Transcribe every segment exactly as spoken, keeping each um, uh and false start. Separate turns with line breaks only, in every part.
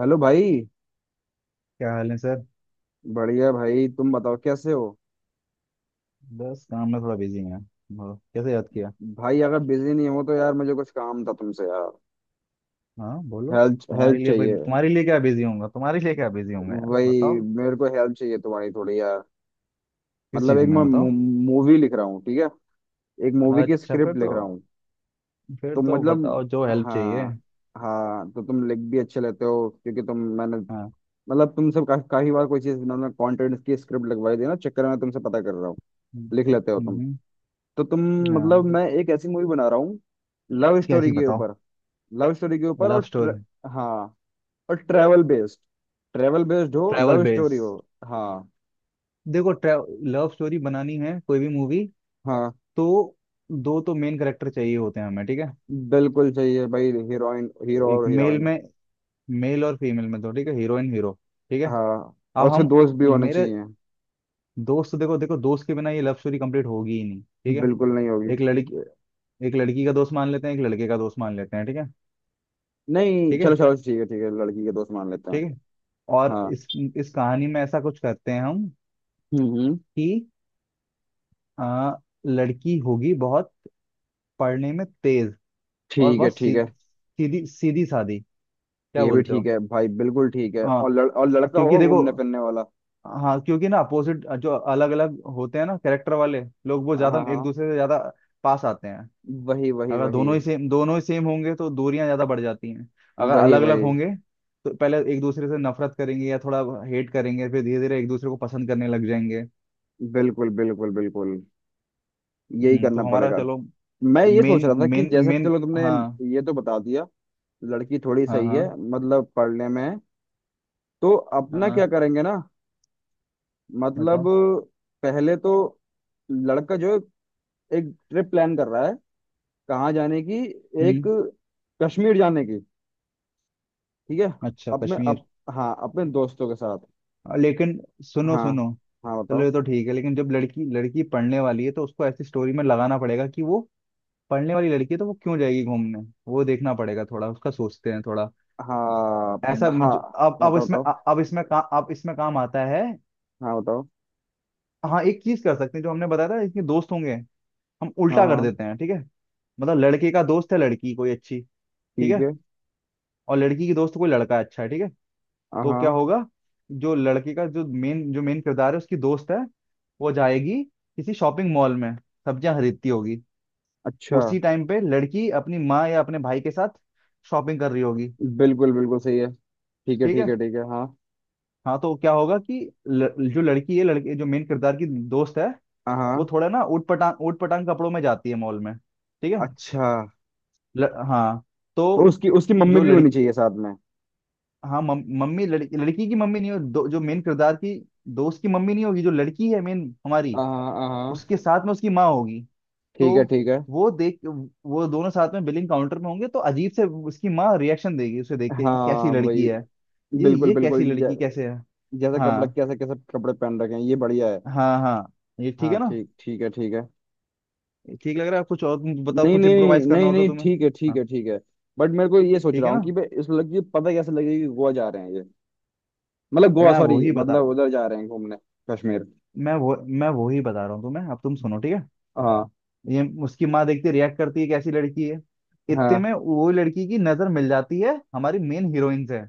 Hello भाई।
क्या हाल है सर।
बढ़िया भाई तुम बताओ कैसे हो।
बस काम में थोड़ा बिजी हैं। बोलो, कैसे याद किया।
भाई अगर बिजी नहीं हो तो यार मुझे कुछ काम था तुमसे यार।
हाँ, बोलो।
हेल्प
तुम्हारे
हेल्प
लिए भाई,
चाहिए।
तुम्हारे लिए क्या बिजी होऊंगा, तुम्हारे लिए क्या बिजी होऊंगा यार,
वही
बताओ।
मेरे को हेल्प चाहिए तुम्हारी थोड़ी यार।
किस
मतलब
चीज़
एक
में
मैं
बताओ।
मूवी लिख रहा हूँ, ठीक है। एक मूवी की
अच्छा, फिर
स्क्रिप्ट
तो
लिख रहा हूँ।
फिर
तो
तो
मतलब
बताओ जो हेल्प चाहिए।
हाँ। हाँ तो तुम लिख भी अच्छे लेते हो क्योंकि तुम मैंने
हाँ।
मतलब तुमसे का, काफी बार कोई चीज मतलब कंटेंट की स्क्रिप्ट लगवाई थी ना चक्कर में तुमसे पता कर रहा हूँ।
हम्म।
लिख लेते हो तुम।
हम्म।
तो तुम मतलब
हाँ।
मैं एक ऐसी मूवी बना रहा हूँ लव स्टोरी
कैसी
के
बताओ।
ऊपर। लव स्टोरी के ऊपर
लव
और tr-
स्टोरी।
हाँ, और ट्रेवल बेस्ड। ट्रेवल बेस्ड हो,
ट्रैवल
लव
बेस।
स्टोरी हो। हाँ।
देखो, लव स्टोरी बनानी है कोई भी मूवी।
हाँ
तो दो तो मेन कैरेक्टर चाहिए होते हैं हमें, ठीक है।
बिल्कुल चाहिए भाई, हीरोइन, हीरो
एक
और
मेल
हीरोइन।
में मेल और फीमेल में दो, ठीक है, हीरोइन हीरो। ठीक है।
हाँ और
अब
उसके
हम
दोस्त भी होने
मेरे
चाहिए।
दोस्त तो देखो देखो, दोस्त के बिना ये लव स्टोरी कंप्लीट होगी ही नहीं, ठीक है।
बिल्कुल नहीं होगी।
एक लड़की एक लड़की का दोस्त मान लेते हैं, एक लड़के का दोस्त मान लेते हैं, ठीक है।
नहीं,
ठीक
चलो
है।
चलो ठीक है, ठीक है लड़की के दोस्त मान लेते हैं।
ठीक है। और
हाँ।
इस इस कहानी में ऐसा कुछ करते हैं हम
हम्म, हम्म।
कि आ, लड़की होगी बहुत पढ़ने में तेज। और
ठीक है,
बहुत
ठीक
सी,
है।
सीधी सीधी सादी। क्या
ये भी
बोलते
ठीक
हो।
है भाई, बिल्कुल ठीक है। और लड़,
हाँ।
और लड़का होगा
क्योंकि देखो,
घूमने फिरने वाला।
हाँ, क्योंकि ना अपोजिट जो अलग अलग होते हैं ना कैरेक्टर वाले लोग, वो
हाँ
ज्यादा एक
हाँ।
दूसरे से ज्यादा पास आते हैं।
वही वही
अगर
वही
दोनों ही सेम, दोनों ही सेम होंगे तो दूरियां ज्यादा बढ़ जाती हैं। अगर
वही
अलग अलग
वही
होंगे तो पहले एक दूसरे से नफरत करेंगे या थोड़ा हेट करेंगे, फिर धीरे धीरे एक दूसरे को पसंद करने लग जाएंगे।
बिल्कुल बिल्कुल बिल्कुल। यही
हम्म
करना
तो हमारा,
पड़ेगा।
चलो,
मैं ये सोच
मेन
रहा था कि
मेन
जैसे
मेन।
चलो तुमने
हाँ।
ये तो बता दिया। लड़की थोड़ी
हाँ।
सही
हाँ।
है, मतलब पढ़ने में है। तो अपना
हाँ,
क्या करेंगे ना। मतलब
बताओ।
पहले तो लड़का जो है, एक ट्रिप प्लान कर रहा है कहाँ जाने की। एक
हम्म।
कश्मीर जाने की। ठीक है।
अच्छा,
अपने
कश्मीर।
अप, हाँ अपने दोस्तों के साथ।
अ, लेकिन सुनो
हाँ,
सुनो।
हाँ
चलो,
बताओ।
ये तो ठीक है, लेकिन जब लड़की लड़की पढ़ने वाली है तो उसको ऐसी स्टोरी में लगाना पड़ेगा कि वो पढ़ने वाली लड़की है तो वो क्यों जाएगी घूमने। वो देखना पड़ेगा थोड़ा, उसका सोचते हैं थोड़ा।
हाँ,
ऐसा मुझे-
हाँ
अब अब
बताओ
इसमें,
बताओ
अब इसमें का, अब इसमें काम आता है।
हाँ बताओ।
हाँ, एक चीज कर सकते हैं, जो हमने बताया था इसके दोस्त होंगे। हम
हाँ
उल्टा कर
हाँ,
देते हैं, ठीक है। मतलब लड़के का दोस्त है लड़की कोई अच्छी, ठीक
ठीक
है।
है।
और लड़की की दोस्त कोई लड़का अच्छा है, ठीक है।
हाँ,
तो क्या
हाँ।
होगा, जो लड़के का जो मेन जो मेन किरदार है उसकी दोस्त है। वो जाएगी किसी शॉपिंग मॉल में, सब्जियां खरीदती होगी।
अच्छा।
उसी टाइम पे लड़की अपनी माँ या अपने भाई के साथ शॉपिंग कर रही होगी।
बिल्कुल बिल्कुल सही है। ठीक है,
ठीक
ठीक
है।
है, ठीक है। हाँ,
हाँ, तो क्या होगा कि ल, जो लड़की है लड़के जो मेन किरदार की दोस्त है,
हाँ,
वो
हाँ।
थोड़ा ना ऊट पटांग ऊट पटांग कपड़ों में जाती है मॉल में, ठीक है।
अच्छा
ल, हाँ।
तो
तो
उसकी उसकी मम्मी
जो
भी
लड़की
होनी चाहिए साथ में।
हाँ, मम, मम्मी, लड़की लड़की की मम्मी नहीं हो दो, जो मेन किरदार की दोस्त की मम्मी नहीं होगी, जो लड़की है मेन हमारी,
हाँ हाँ।
उसके साथ में उसकी माँ होगी।
ठीक है,
तो
ठीक है।
वो देख वो दोनों साथ में बिलिंग काउंटर में होंगे तो अजीब से उसकी माँ रिएक्शन देगी, उसे देख के, ये कैसी
हाँ
लड़की
वही।
है। ये
बिल्कुल
ये कैसी
बिल्कुल। जै,
लड़की कैसे है।
जैसा कपड़ा,
हाँ।
कैसे कैसे कपड़े पहन रखे हैं, ये बढ़िया है।
हाँ। हाँ। ये ठीक
हाँ
है ना।
ठीक, ठीक है, ठीक है।
ये ठीक लग रहा है, कुछ और तुम बताओ,
नहीं
कुछ
नहीं नहीं
इम्प्रोवाइज करना
नहीं
हो तो
नहीं
तुम्हें।
ठीक है, ठीक
हाँ।
है, ठीक है। बट मेरे को ये सोच
ठीक
रहा
है
हूँ
ना।
कि भाई इस लड़की को पता कैसे लगेगा कि गोवा जा रहे हैं ये। मतलब गोवा
मैं
सॉरी,
वही बता
मतलब उधर जा रहे हैं घूमने। कश्मीर।
मैं वो मैं वही बता रहा हूँ तुम्हें, अब तुम सुनो, ठीक है।
हाँ
ये उसकी माँ देखती, रिएक्ट करती है, कैसी लड़की है। इतने
हाँ,
में वो लड़की की नजर मिल जाती है हमारी मेन हीरोइन से।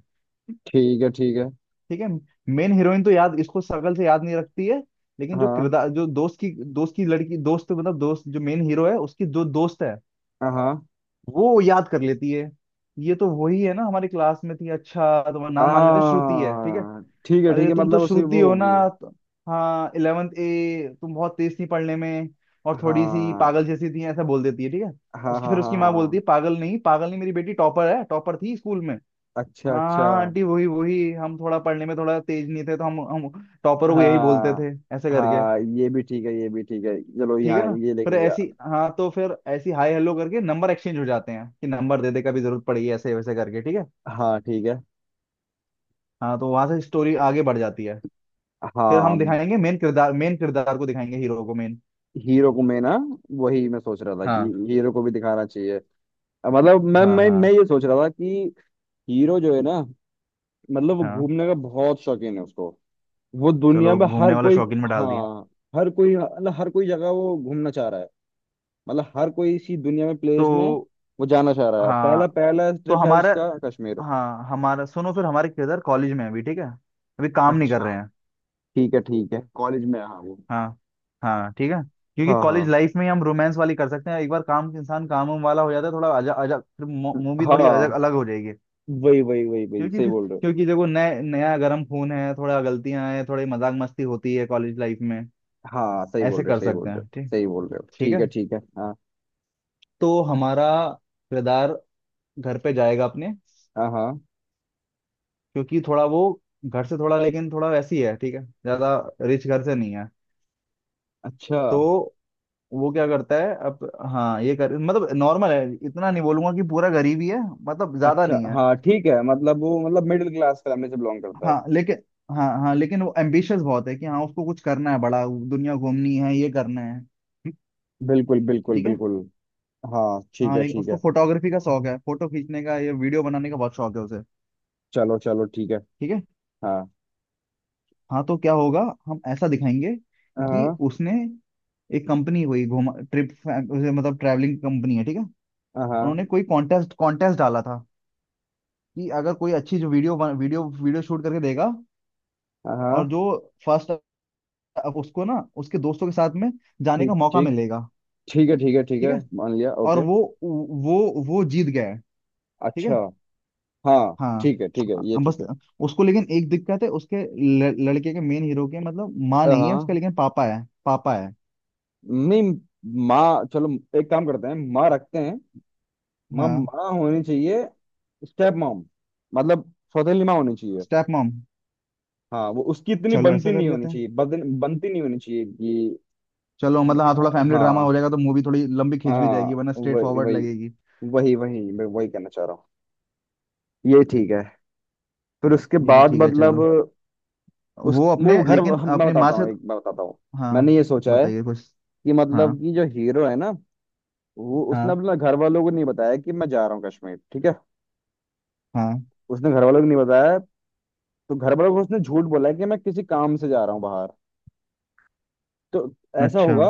ठीक है, ठीक है।
ठीक है। मेन हीरोइन तो याद इसको शक्ल से याद नहीं रखती है। लेकिन जो
हाँ
किरदार जो दोस्त की दोस्त की लड़की दोस्त, मतलब दोस्त, जो मेन हीरो है उसकी जो दोस्त है,
हाँ
वो याद कर लेती है। ये तो वही है ना, हमारी क्लास में थी, अच्छा तुम्हारा नाम मान लेते हैं श्रुति है, ठीक है।
हाँ, ठीक है, ठीक
अरे,
है,
तुम तो
मतलब उसे
श्रुति
वो
हो
होगी।
ना, त- हाँ, इलेवेंथ ए, तुम बहुत तेज थी पढ़ने में। और थोड़ी सी
हाँ
पागल जैसी थी, ऐसा बोल देती है, ठीक है।
हाँ
उसकी
हाँ
फिर
हाँ
उसकी माँ बोलती
हाँ।
है, पागल नहीं, पागल नहीं, मेरी बेटी टॉपर है, टॉपर थी स्कूल में।
अच्छा, अच्छा।
हाँ, आंटी वही वही, हम थोड़ा पढ़ने में थोड़ा तेज नहीं थे, तो हम हम टॉपर को यही बोलते
हाँ
थे, ऐसे करके।
हाँ, ये भी ठीक है, ये भी ठीक है, चलो
ठीक है
यहाँ
ना।
ये लिख
फिर
लिया।
ऐसी हाँ, तो फिर ऐसी हाय हेलो करके नंबर एक्सचेंज हो जाते हैं कि नंबर दे दे, कभी जरूरत पड़ी, ऐसे वैसे करके, ठीक है।
हाँ ठीक है।
हाँ, तो वहां से स्टोरी आगे बढ़ जाती है। फिर हम
हाँ
दिखाएंगे मेन किरदार मेन किरदार को दिखाएंगे, हीरो को, मेन।
हीरो को, मैं ना वही मैं सोच रहा था कि
हाँ।
हीरो को भी दिखाना चाहिए। अ, मतलब मैं
हाँ।
मैं मैं
हाँ।
ये सोच रहा था कि हीरो जो है ना, मतलब वो
हाँ।
घूमने का बहुत शौकीन है उसको। वो दुनिया
चलो,
में
घूमने
हर
वाला
कोई।
शौकीन में डाल दिया।
हाँ हर कोई, मतलब हर कोई जगह वो घूमना चाह रहा है। मतलब हर कोई इसी दुनिया में
तो
प्लेस में वो जाना चाह रहा है। पहला,
हाँ,
पहला
तो
ट्रिप है
हमारा,
उसका कश्मीर।
हाँ, हमारा सुनो, फिर हमारे किरदार कॉलेज में है अभी, ठीक है। अभी काम नहीं कर रहे हैं।
ठीक है, ठीक है कॉलेज में है, हाँ वो।
हाँ। हाँ, ठीक है। क्योंकि
हाँ हाँ
कॉलेज लाइफ में ही हम रोमांस वाली कर सकते हैं, एक बार काम इंसान, काम वाम वाला हो जाता है थोड़ा अजा अजा, फिर मूवी थोड़ी अलग
हाँ।
अलग हो जाएगी।
वही वही वही वही,
क्योंकि
सही
फिर
बोल रहे हो।
क्योंकि देखो, नए नया गर्म खून है, थोड़ा गलतियां हैं, थोड़ी मजाक मस्ती होती है कॉलेज लाइफ में।
हाँ सही बोल
ऐसे
रहे हो,
कर
सही
सकते
बोल रहे हो।
हैं, ठीक।
सही बोल रहे हो,
ठीक
ठीक
है।
है, ठीक है। हाँ
तो हमारा किरदार घर पे जाएगा अपने,
हाँ हाँ।
क्योंकि थोड़ा वो घर से थोड़ा, लेकिन थोड़ा वैसी है, ठीक है, ज्यादा रिच घर से नहीं है।
अच्छा,
तो वो क्या करता है अब, हाँ, ये कर मतलब नॉर्मल है। इतना नहीं बोलूंगा कि पूरा गरीब ही है, मतलब ज्यादा
अच्छा
नहीं है।
हाँ ठीक है, मतलब वो मतलब मिडिल क्लास फैमिली से बिलोंग करता है।
हाँ, लेकिन, हाँ, हाँ, लेकिन वो एम्बिशियस बहुत है कि हाँ, उसको कुछ करना है बड़ा, दुनिया घूमनी है, ये करना है। हम्म,
बिल्कुल बिल्कुल
ठीक है।
बिल्कुल। हाँ ठीक
हाँ,
है,
लेकिन
ठीक
उसको
है।
फोटोग्राफी का शौक है, फोटो खींचने का या वीडियो बनाने का बहुत शौक है उसे,
चलो चलो ठीक है।
ठीक है।
हाँ
हाँ, तो क्या होगा, हम ऐसा दिखाएंगे कि
हाँ
उसने, एक कंपनी हुई घुमा ट्रिप, मतलब ट्रैवलिंग कंपनी है, ठीक है।
हाँ
उन्होंने कोई कॉन्टेस्ट कॉन्टेस्ट डाला था कि अगर कोई अच्छी जो वीडियो वीडियो वीडियो शूट करके देगा और
हाँ।
जो फर्स्ट, उसको ना उसके दोस्तों के साथ में जाने का
ठीक,
मौका
ठीक,
मिलेगा।
ठीक है, ठीक है, ठीक
ठीक
है,
है।
मान लिया,
और
ओके।
वो वो वो जीत गया है, ठीक है।
अच्छा। हाँ
हाँ,
ठीक है, ठीक है, ये
हाँ, बस।
ठीक है।
उसको लेकिन एक दिक्कत है उसके, ल, लड़के के मेन हीरो के, मतलब माँ नहीं है उसके,
हाँ।
लेकिन पापा है, पापा है।
नहीं, माँ चलो एक काम करते हैं, माँ रखते हैं। माँ
हाँ,
माँ होनी चाहिए। स्टेप मॉम, मतलब सौतेली माँ होनी चाहिए।
स्टेप मॉम,
हाँ, वो उसकी इतनी
चलो
बनती
ऐसा कर
नहीं होनी
लेते हैं।
चाहिए, बदन, बनती नहीं होनी चाहिए कि।
चलो, मतलब हाँ थोड़ा
अ,
फैमिली ड्रामा हो
हाँ।
जाएगा, तो मूवी थोड़ी लंबी खिंच भी जाएगी,
हाँ
वरना स्ट्रेट
वही
फॉरवर्ड
वही,
लगेगी।
वही वही मैं वही कहना चाह रहा हूँ। ये ठीक है। फिर उसके
ये भी
बाद
ठीक है,
मतलब
चलो।
उस
वो
वो
अपने
घर
लेकिन
मैं
अपनी माँ
बताता
से,
हूँ, एक मैं बताता हूँ।
हाँ,
मैंने ये सोचा है
बताइए कुछ।
कि,
हाँ।
मतलब कि जो हीरो है ना, वो उसने
हाँ।
अपना घर वालों को नहीं बताया कि मैं जा रहा हूँ कश्मीर, ठीक है।
हाँ।
उसने घर वालों को नहीं बताया। तो घर वालों को उसने झूठ बोला है कि मैं किसी काम से जा रहा हूँ बाहर। तो ऐसा
अच्छा।
होगा।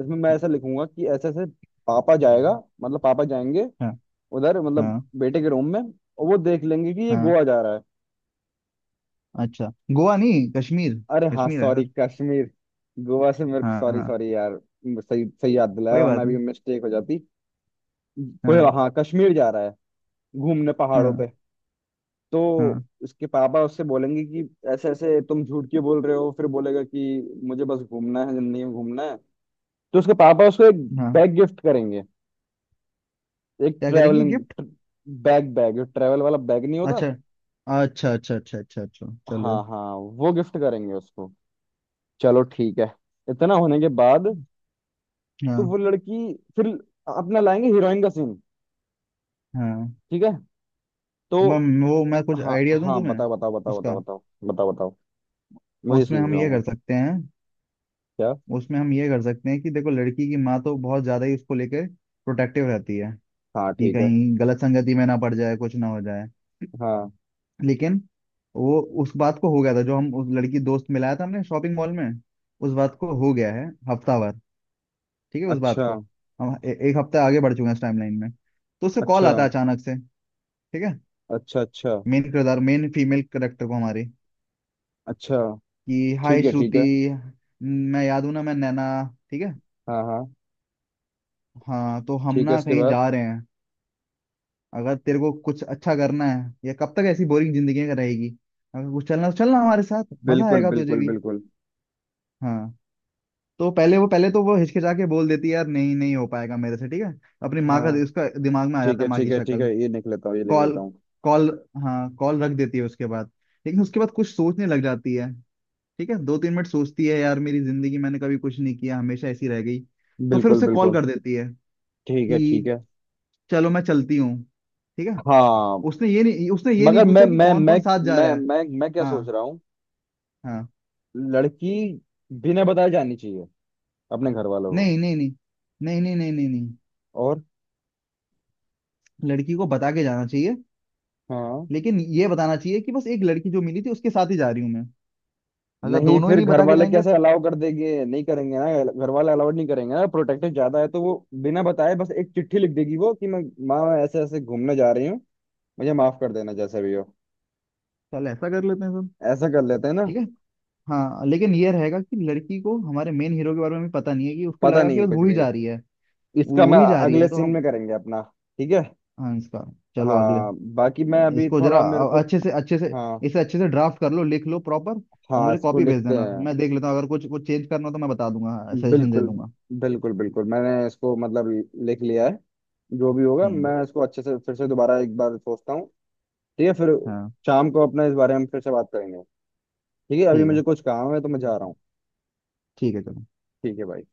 इसमें मैं ऐसा लिखूंगा कि ऐसे ऐसे पापा जाएगा,
हम्म,
मतलब पापा जाएंगे
हाँ।
उधर,
हाँ।
मतलब बेटे के रूम में, और वो देख लेंगे कि ये
हाँ।
गोवा जा रहा है।
अच्छा, गोवा नहीं, कश्मीर।
अरे हाँ
कश्मीर है
सॉरी,
सर।
कश्मीर। गोवा से मेरे को,
हाँ,
सॉरी
हाँ,
सॉरी यार। सही सही याद दिलाया
कोई
वरना
बात
भी
नहीं।
मिस्टेक हो जाती। कोई,
हाँ।
हाँ कश्मीर जा रहा है घूमने पहाड़ों
हाँ।
पे। तो
हाँ।
उसके पापा उससे बोलेंगे कि ऐसे ऐसे तुम झूठ क्यों बोल रहे हो। फिर बोलेगा कि मुझे बस घूमना है, जिंदगी में घूमना है। तो उसके पापा उसको एक
हाँ।
बैग गिफ्ट करेंगे, एक
क्या करेंगे gift.
Travelling bag. Bag travel वाला बैग नहीं होता।
अच्छा, अच्छा, अच्छा, अच्छा, अच्छा, अच्छा,
हाँ
चलो।
हाँ, वो गिफ्ट करेंगे उसको। चलो ठीक है। इतना होने के बाद तो
हाँ,
वो लड़की फिर अपना लाएंगे हीरोइन का सीन।
हाँ।
ठीक है। तो
मैं वो मैं कुछ
हाँ,
आइडिया दूं
हाँ
तुम्हें।
बताओ बताओ बताओ बताओ
उसका,
बताओ बताओ बताओ वही
उसमें
सोच
हम
रहा
ये
हूँ मैं।
कर सकते हैं
क्या।
उसमें हम ये कर सकते हैं कि देखो, लड़की की माँ तो बहुत ज्यादा ही उसको लेके प्रोटेक्टिव रहती है
हाँ
कि
ठीक है।
कहीं गलत संगति में ना पड़ जाए, कुछ ना हो जाए।
हाँ।
लेकिन वो उस बात को हो गया था, जो हम उस लड़की दोस्त मिलाया था हमने शॉपिंग मॉल में, उस बात को हो गया है हफ्ता भर, ठीक है उस बात
अच्छा
को। हम ए, एक हफ्ता आगे बढ़ चुके हैं इस टाइमलाइन में, तो उससे कॉल
अच्छा
आता है अचानक से, ठीक है।
अच्छा अच्छा
मेन किरदार मेन फीमेल करेक्टर को हमारी,
अच्छा
कि हाय
ठीक है, ठीक
श्रुति,
है।
मैं याद हूं ना, मैं नैना, ठीक है।
हाँ, हाँ
हाँ, तो हम
ठीक है
ना
इसके
कहीं
बाद।
जा रहे हैं, अगर तेरे को कुछ अच्छा करना है, या कब तक ऐसी बोरिंग जिंदगी में रहेगी, अगर कुछ चलना है तो चलना, हमारे साथ मजा
बिल्कुल
आएगा तुझे
बिल्कुल
भी।
बिल्कुल।
हाँ। तो पहले वो पहले तो वो हिचकिचा के बोल देती है, यार नहीं नहीं हो पाएगा मेरे से, ठीक है। अपनी माँ का,
हाँ
उसका दिमाग में आ
ठीक
जाता
है,
है माँ
ठीक
की
है, ठीक
शक्ल।
है, ये लिख लेता हूँ, ये लिख
कॉल
लेता हूँ।
कॉल हाँ, कॉल रख देती है उसके बाद। लेकिन उसके बाद कुछ सोचने लग जाती है, ठीक है, दो तीन मिनट सोचती है, यार मेरी जिंदगी मैंने कभी कुछ नहीं किया, हमेशा ऐसी रह गई, तो फिर
बिल्कुल
उसे कॉल
बिल्कुल।
कर देती है
ठीक है, ठीक
कि
है।
चलो मैं चलती हूँ, ठीक है।
हाँ
उसने ये नहीं उसने ये नहीं
मगर मैं
पूछा कि
मैं
कौन
मैं
कौन साथ जा रहा
मैं
है।
मैं मैं क्या सोच
हाँ।
रहा हूँ।
हाँ।
लड़की बिना बताए जानी चाहिए अपने घर वालों को।
नहीं, नहीं, नहीं, नहीं, नहीं। नहीं, नहीं, नहीं।
और
लड़की को बता के जाना चाहिए,
हाँ।
लेकिन ये बताना चाहिए कि बस एक लड़की जो मिली थी उसके साथ ही जा रही हूँ मैं, अगर
नहीं
दोनों ही
फिर
नहीं
घर
बता के
वाले
जाएंगे
कैसे
तो।
अलाउ कर देंगे, नहीं करेंगे ना। घर वाले अलाउड नहीं करेंगे ना, प्रोटेक्टिव ज्यादा है तो वो बिना बताए बस एक चिट्ठी लिख देगी वो कि मैं, माँ मैं ऐसे ऐसे घूमने जा रही हूँ, मुझे माफ कर देना जैसे भी हो।
चल, ऐसा कर लेते हैं सब,
ऐसा कर लेते हैं ना।
ठीक है। हाँ, लेकिन ये रहेगा कि लड़की को हमारे मेन हीरो के बारे में भी पता नहीं है, कि उसको
पता
लगा
नहीं
कि
है
बस
कुछ
वो ही
भी।
जा रही है,
इसका
वो
मैं
ही जा रही
अगले
है तो
सीन
हम,
में करेंगे अपना। ठीक है।
हाँ इसका, चलो अगले,
हाँ बाकी मैं अभी
इसको जरा
थोड़ा मेरे
अ-
को।
अच्छे से अच्छे से,
हाँ
इसे अच्छे से ड्राफ्ट कर लो, लिख लो प्रॉपर। और
हाँ
मुझे
इसको
कॉपी भेज
लिखते
देना,
हैं।
मैं देख लेता हूँ, अगर कुछ कुछ चेंज करना हो तो मैं बता दूंगा, सजेशन दे
बिल्कुल
दूंगा।
बिल्कुल बिल्कुल, मैंने इसको मतलब लिख लिया है। जो भी होगा
हम्म।
मैं इसको अच्छे से फिर से दोबारा एक बार सोचता हूँ। ठीक है फिर
हाँ,
शाम को अपना इस बारे में फिर से बात करेंगे। ठीक है अभी
ठीक
मुझे
है।
कुछ काम है तो मैं जा रहा हूँ।
ठीक है, चलो।
ठीक है भाई।